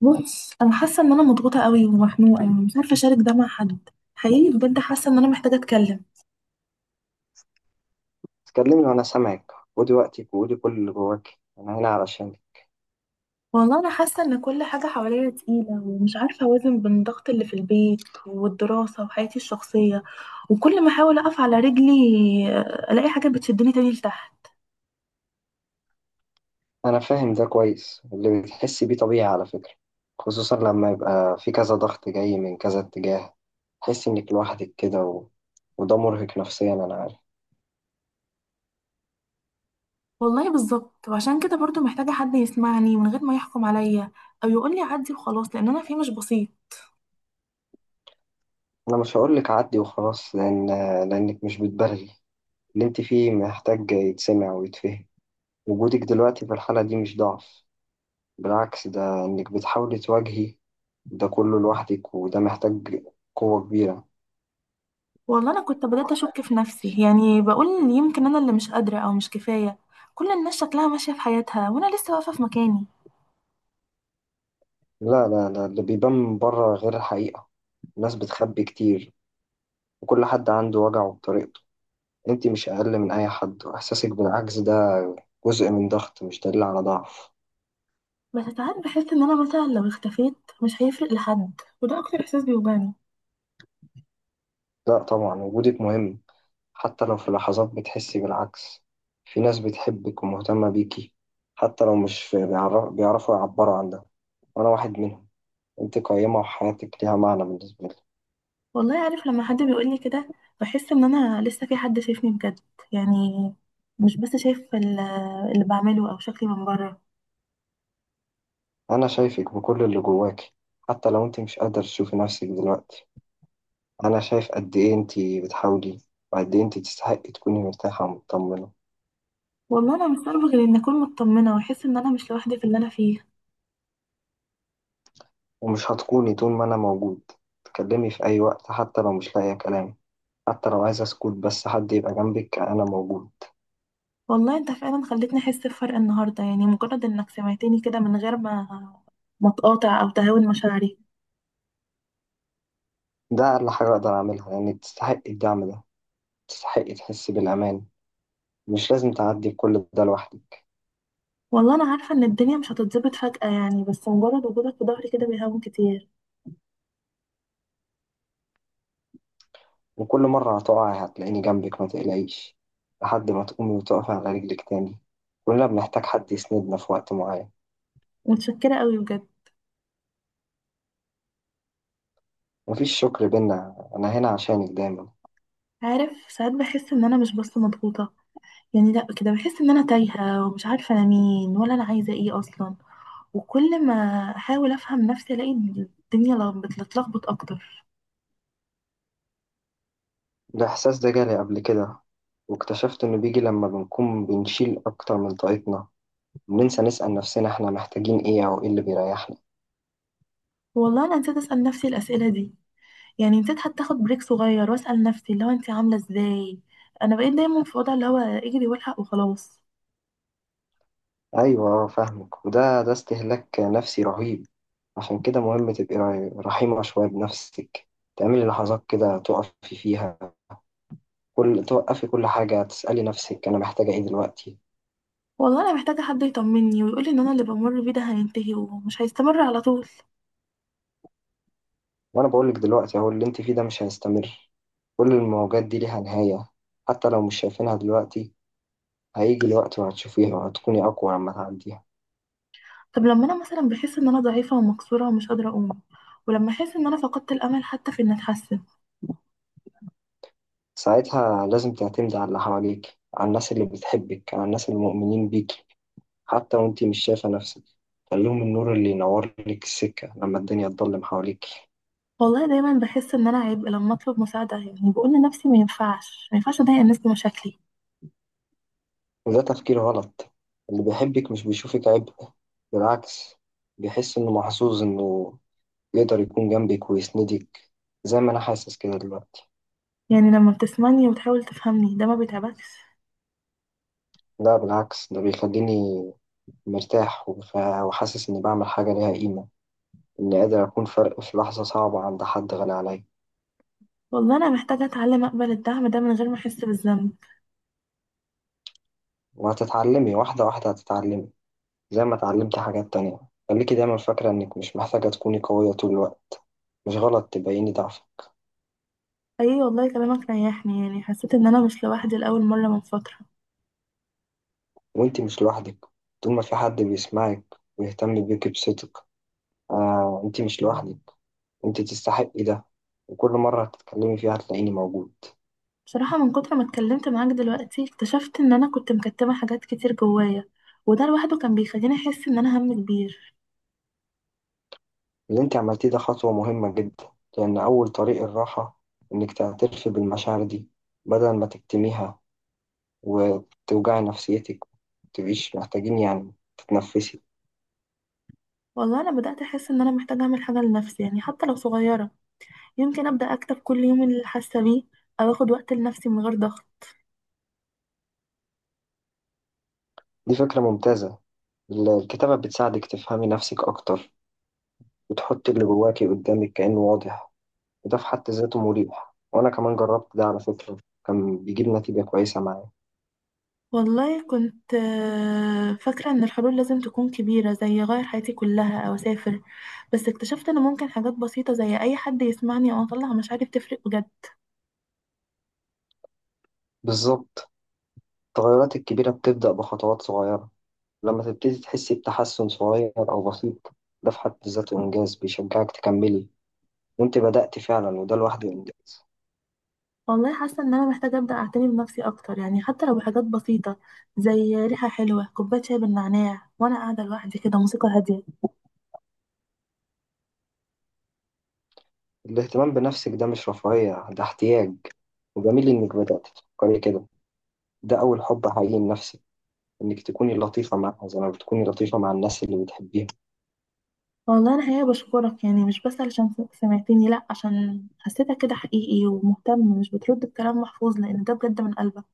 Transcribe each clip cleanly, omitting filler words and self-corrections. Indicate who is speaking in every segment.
Speaker 1: بص انا حاسه ان انا مضغوطه قوي ومخنوقه ومش عارفه اشارك ده مع حد. حقيقي بجد حاسه ان انا محتاجه اتكلم.
Speaker 2: تكلمني وأنا سامعك، ودي وقتك، وقولي كل اللي جواك. أنا هنا علشانك.
Speaker 1: والله انا حاسه ان كل حاجه حواليا تقيله ومش عارفه اوازن بين الضغط اللي في البيت والدراسه وحياتي الشخصيه. وكل ما احاول اقف على رجلي، الاقي حاجه بتشدني تاني لتحت.
Speaker 2: أنا فاهم ده كويس، اللي بتحسي بيه طبيعي على فكرة، خصوصا لما يبقى في كذا ضغط جاي من كذا اتجاه، تحسي إنك لوحدك كده وده مرهق نفسيا، أنا عارف.
Speaker 1: والله بالظبط، وعشان كده برضو محتاجه حد يسمعني من غير ما يحكم عليا او يقول لي عدي وخلاص، لان انا فيه مش بسيط.
Speaker 2: أنا مش هقولك عدي وخلاص، لأنك مش بتبالغي. اللي أنت فيه محتاج يتسمع ويتفهم. وجودك دلوقتي في الحالة دي مش ضعف، بالعكس، ده إنك بتحاولي تواجهي ده كله لوحدك، وده محتاج قوة كبيرة.
Speaker 1: والله انا كنت بدأت اشك في نفسي، يعني بقول يمكن انا اللي مش قادرة او مش كفاية. كل الناس شكلها ماشية في حياتها وانا لسه واقفة في مكاني.
Speaker 2: لا لا لا، اللي بيبان من بره غير الحقيقة. الناس بتخبي كتير، وكل حد عنده وجعه بطريقته. انت مش أقل من أي حد، وإحساسك بالعجز ده جزء من ضغط، مش دليل على ضعف.
Speaker 1: بس ساعات بحس ان انا مثلا لو اختفيت مش هيفرق لحد، وده اكتر احساس بيوجعني.
Speaker 2: لا طبعا، وجودك مهم، حتى لو في لحظات بتحسي بالعكس. في ناس بتحبك ومهتمة بيكي، حتى لو مش بيعرفوا يعبروا عن ده، وأنا واحد منهم. انت قيمة وحياتك ليها معنى بالنسبة لي.
Speaker 1: والله عارف، لما حد بيقولي كده بحس ان انا لسه في حد شايفني بجد، يعني مش بس شايف اللي بعمله او شكلي من بره.
Speaker 2: أنا شايفك بكل اللي جواكي، حتى لو انت مش قادرة تشوفي نفسك دلوقتي. أنا شايف قد إيه أنتي بتحاولي، وقد إيه أنتي تستحقي تكوني مرتاحة ومطمنة.
Speaker 1: والله انا مش عارفة غير ان اكون مطمنة واحس ان انا مش لوحدي في اللي انا فيه.
Speaker 2: ومش هتكوني، طول ما أنا موجود، تكلمي في أي وقت، حتى لو مش لاقية كلام، حتى لو عايزة أسكت بس حد يبقى جنبك. أنا موجود.
Speaker 1: والله انت فعلا خلتني احس بفرق النهارده، يعني مجرد انك سمعتني كده من غير ما تقاطع او تهاون مشاعري.
Speaker 2: ده أقل حاجة أقدر أعملها، لأنك تستحقي الدعم ده، تستحقي تحسي بالأمان. مش لازم تعدي بكل ده لوحدك.
Speaker 1: والله انا عارفه ان الدنيا مش هتتظبط فجأة يعني، بس مجرد وجودك في ظهري كده بيهون كتير.
Speaker 2: وكل مرة هتقعي هتلاقيني جنبك، ما تقلقيش، لحد ما تقومي وتقفي على رجلك تاني. كلنا بنحتاج حد يسندنا في وقت معين.
Speaker 1: متشكره قوي بجد.
Speaker 2: مفيش شكر بينا، أنا هنا عشانك دايما.
Speaker 1: عارف، ساعات بحس ان انا مش بس مضغوطه، يعني لا كده بحس ان انا تايهه ومش عارفه انا مين ولا انا عايزه ايه اصلا. وكل ما احاول افهم نفسي الاقي الدنيا بتتلخبط اكتر.
Speaker 2: الإحساس ده جالي قبل كده، واكتشفت إنه بيجي لما بنكون بنشيل أكتر من طاقتنا، بننسى نسأل نفسنا إحنا محتاجين إيه أو إيه اللي بيريحنا.
Speaker 1: والله انا نسيت اسال نفسي الاسئله دي، يعني نسيت حتى اخد بريك صغير واسال نفسي اللي هو انت عامله ازاي. انا بقيت دايما في وضع اللي هو اجري والحق وخلاص.
Speaker 2: أيوة فاهمك، وده استهلاك نفسي رهيب. عشان كده مهم تبقي رحيمة شوية بنفسك، تعملي لحظات كده تقفي فيها، كل توقفي كل حاجة تسألي نفسك أنا محتاجة إيه دلوقتي.
Speaker 1: والله انا محتاجه حد يطمني ويقولي ان انا اللي بمر بيه ده هينتهي ومش هيستمر على طول.
Speaker 2: وأنا بقولك دلوقتي أهو، اللي أنت فيه ده مش هيستمر. كل المواجهات دي ليها نهاية، حتى لو مش شايفينها دلوقتي. هيجي الوقت وهتشوفيها، وهتكوني أقوى لما تعديها.
Speaker 1: طب لما انا مثلا بحس ان انا ضعيفه ومكسوره ومش قادره اقوم، ولما احس ان انا فقدت الامل حتى في ان اتحسن.
Speaker 2: ساعتها لازم تعتمدي على اللي حواليك، على الناس اللي بتحبك، على الناس اللي مؤمنين بيكي، حتى وانتي مش شايفة نفسك. خليهم النور اللي ينور لك السكة لما الدنيا تضلم حواليك.
Speaker 1: والله دايما بحس ان انا عبء لما اطلب مساعده، يعني بقول لنفسي ما ينفعش، ما ينفعش اضايق الناس بمشاكلي.
Speaker 2: وده تفكير غلط، اللي بيحبك مش بيشوفك عبء، بالعكس، بيحس إنه محظوظ إنه يقدر يكون جنبك ويسندك، زي ما أنا حاسس كده دلوقتي.
Speaker 1: يعني لما بتسمعني وتحاول تفهمني ده ما بيتعبكش؟
Speaker 2: لا بالعكس، ده بيخليني مرتاح، وحاسس إني بعمل حاجة ليها قيمة، إني قادر أكون فرق في لحظة صعبة عند حد غالي عليا.
Speaker 1: والله انا محتاجه اتعلم اقبل الدعم ده من غير ما احس بالذنب.
Speaker 2: وهتتعلمي واحدة واحدة، هتتعلمي زي ما اتعلمتي حاجات تانية. خليكي دايما فاكرة إنك مش محتاجة تكوني قوية طول الوقت، مش غلط تبيني ضعفك.
Speaker 1: اي والله كلامك ريحني، يعني حسيت ان انا مش لوحدي لاول مره من فتره.
Speaker 2: وإنتي مش لوحدك، طول ما في حد بيسمعك ويهتم بيكي بصدق. آه، إنتي مش لوحدك، إنتي تستحقي ده. وكل مرة هتتكلمي فيها هتلاقيني موجود.
Speaker 1: بصراحه من كتر ما اتكلمت معاك دلوقتي اكتشفت ان انا كنت مكتمه حاجات كتير جوايا، وده لوحده كان بيخليني احس ان انا هم كبير.
Speaker 2: اللي إنتي عملتيه ده خطوة مهمة جدا، لأن أول طريق الراحة إنك تعترفي بالمشاعر دي، بدل ما تكتميها وتوجعي نفسيتك. متبقيش محتاجين يعني تتنفسي.
Speaker 1: والله انا بدات احس ان انا محتاجه اعمل حاجه لنفسي، يعني حتى لو صغيره. يمكن ابدا اكتب كل يوم اللي حاسه بيه، او اخد وقت لنفسي من غير ضغط.
Speaker 2: دي فكرة ممتازة. الكتابة بتساعدك تفهمي نفسك أكتر، وتحطي اللي جواكي قدامك كأنه واضح، وده في حد ذاته مريح. وأنا كمان جربت ده على فكرة، كان بيجيب نتيجة كويسة معايا.
Speaker 1: والله كنت فاكره ان الحلول لازم تكون كبيره زي اغير حياتي كلها او اسافر، بس اكتشفت ان ممكن حاجات بسيطه زي اي حد يسمعني او اطلع مشاعري بتفرق بجد.
Speaker 2: بالظبط، التغيرات الكبيرة بتبدأ بخطوات صغيرة. لما تبتدي تحسي بتحسن صغير أو بسيط، ده في حد ذاته إنجاز بيشجعك تكملي. وأنت بدأت فعلا، وده لوحده إنجاز.
Speaker 1: والله حاسه ان انا محتاجه ابدا اعتني بنفسي اكتر، يعني حتى لو بحاجات بسيطه، زي ريحه حلوه، كوبايه شاي بالنعناع وانا قاعده لوحدي كده، موسيقى هاديه.
Speaker 2: الاهتمام بنفسك ده مش رفاهية، ده احتياج. وجميل إنك بدأت تفكري كده، ده أول حب حقيقي لنفسك، إنك تكوني لطيفة معها زي ما بتكوني لطيفة مع الناس اللي بتحبيهم.
Speaker 1: والله انا حقيقه بشكرك، يعني مش بس علشان سمعتني، لا عشان حسيتك كده حقيقي ومهتم، مش بترد الكلام محفوظ، لان ده بجد من قلبك.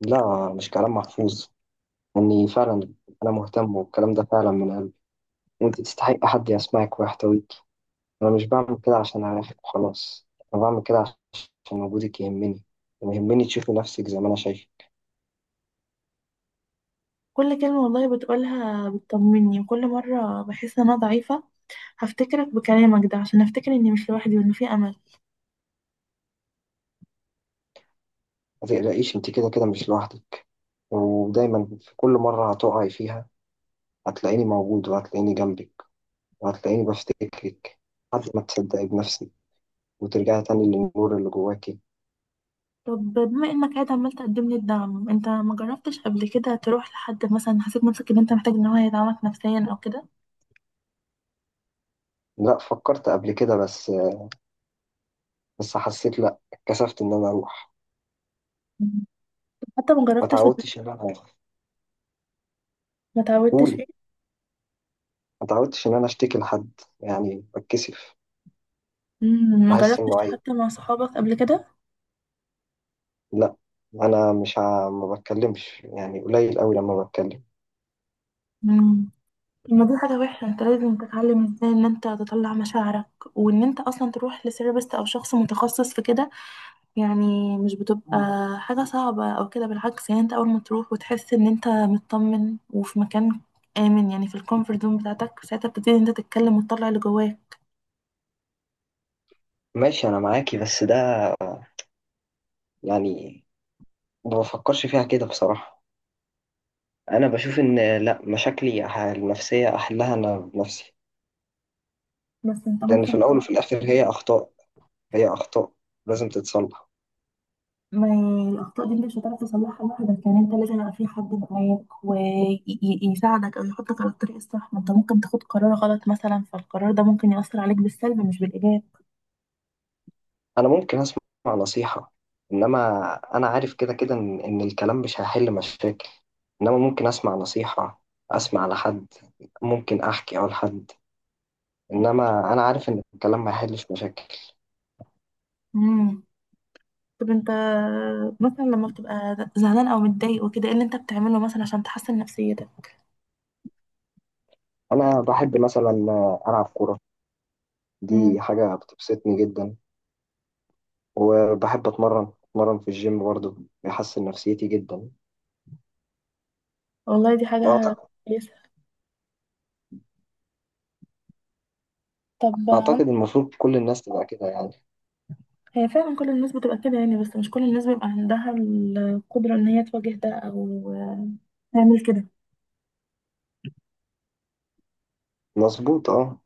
Speaker 2: لا مش كلام محفوظ، إني فعلا، أنا مهتم، والكلام ده فعلا من قلبي. وأنت تستحقي حد يسمعك ويحتويك. أنا مش بعمل كده عشان أريحك وخلاص، أنا بعمل كده عشان وجودك يهمني، ويهمني تشوفي نفسك زي ما أنا شايفة.
Speaker 1: كل كلمه والله بتقولها بتطمني، وكل مره بحس ان انا ضعيفه هفتكرك بكلامك ده عشان افتكر اني مش لوحدي وانه في امل.
Speaker 2: ما تقلقيش، أنت كده كده مش لوحدك. ودايما في كل مرة هتقعي فيها هتلاقيني موجود، وهتلاقيني جنبك، هتلاقيني بفتكرك لحد ما تصدقي بنفسك، وترجعي تاني للنور اللي جواكي.
Speaker 1: طب بما انك قاعد عمال تقدم لي الدعم، انت ما جربتش قبل كده تروح لحد، مثلا حسيت نفسك ان انت محتاج ان هو يدعمك نفسيا او كده؟
Speaker 2: لا، فكرت قبل كده، بس حسيت، لا اتكسفت ان انا اروح.
Speaker 1: مم. حتى ما
Speaker 2: ما
Speaker 1: جربتش
Speaker 2: تعودتش ان انا.
Speaker 1: ما تعودتش فيه.
Speaker 2: قولي، ما تعودتش ان انا اشتكي لحد، يعني بتكسف،
Speaker 1: مم، ما
Speaker 2: بحس
Speaker 1: جربتش
Speaker 2: انه عيب.
Speaker 1: حتى مع صحابك قبل كده؟
Speaker 2: لا، انا مش ما بتكلمش، يعني قليل قوي لما بتكلم.
Speaker 1: مم. طب ما دي حاجة وحشة، انت لازم تتعلم ازاي ان انت تطلع مشاعرك، وان انت اصلا تروح لسيرابست او شخص متخصص في كده. يعني مش بتبقى حاجة صعبة أو كده، بالعكس، يعني أنت أول ما تروح وتحس إن أنت مطمن وفي مكان آمن، يعني في الكومفورت زون بتاعتك، ساعتها بتبتدي إن أنت تتكلم وتطلع اللي جواك.
Speaker 2: ماشي انا معاكي، بس ده، يعني ما بفكرش فيها كده بصراحة. انا بشوف ان لا، مشاكلي النفسية احلها انا بنفسي.
Speaker 1: بس أنت
Speaker 2: لان في
Speaker 1: ممكن
Speaker 2: الاول وفي الاخر هي اخطاء، هي أخطاء لازم تتصلح.
Speaker 1: ما الأخطاء دي أنت مش هتعرف تصلحها لوحدك، يعني أنت لازم يبقى في حد معاك ويساعدك أو يحطك على الطريق الصح، ما أنت ممكن تاخد قرار غلط مثلا، فالقرار ده ممكن يأثر عليك بالسلب مش بالإيجاب.
Speaker 2: أنا ممكن أسمع نصيحة، إنما أنا عارف كده كده إن الكلام مش هيحل مشاكل. إنما ممكن أسمع نصيحة، أسمع لحد، ممكن أحكي أو لحد، إنما أنا عارف إن الكلام ما يحلش مشاكل.
Speaker 1: مم. طب أنت مثلا لما بتبقى زعلان أو متضايق وكده، إيه اللي أنت بتعمله مثلا عشان تحسن نفسيتك؟
Speaker 2: أنا بحب مثلا ألعب كورة، دي حاجة بتبسطني جدا. وبحب أتمرن أتمرن في الجيم برضه، بيحسن نفسيتي جدا.
Speaker 1: والله دي حاجة
Speaker 2: أعتقد.
Speaker 1: كويسة. طب
Speaker 2: أعتقد المفروض كل الناس تبقى كده يعني.
Speaker 1: هي فعلا كل الناس بتبقى كده يعني، بس مش كل الناس بيبقى عندها القدرة ان هي تواجه ده او تعمل كده.
Speaker 2: مظبوط أه.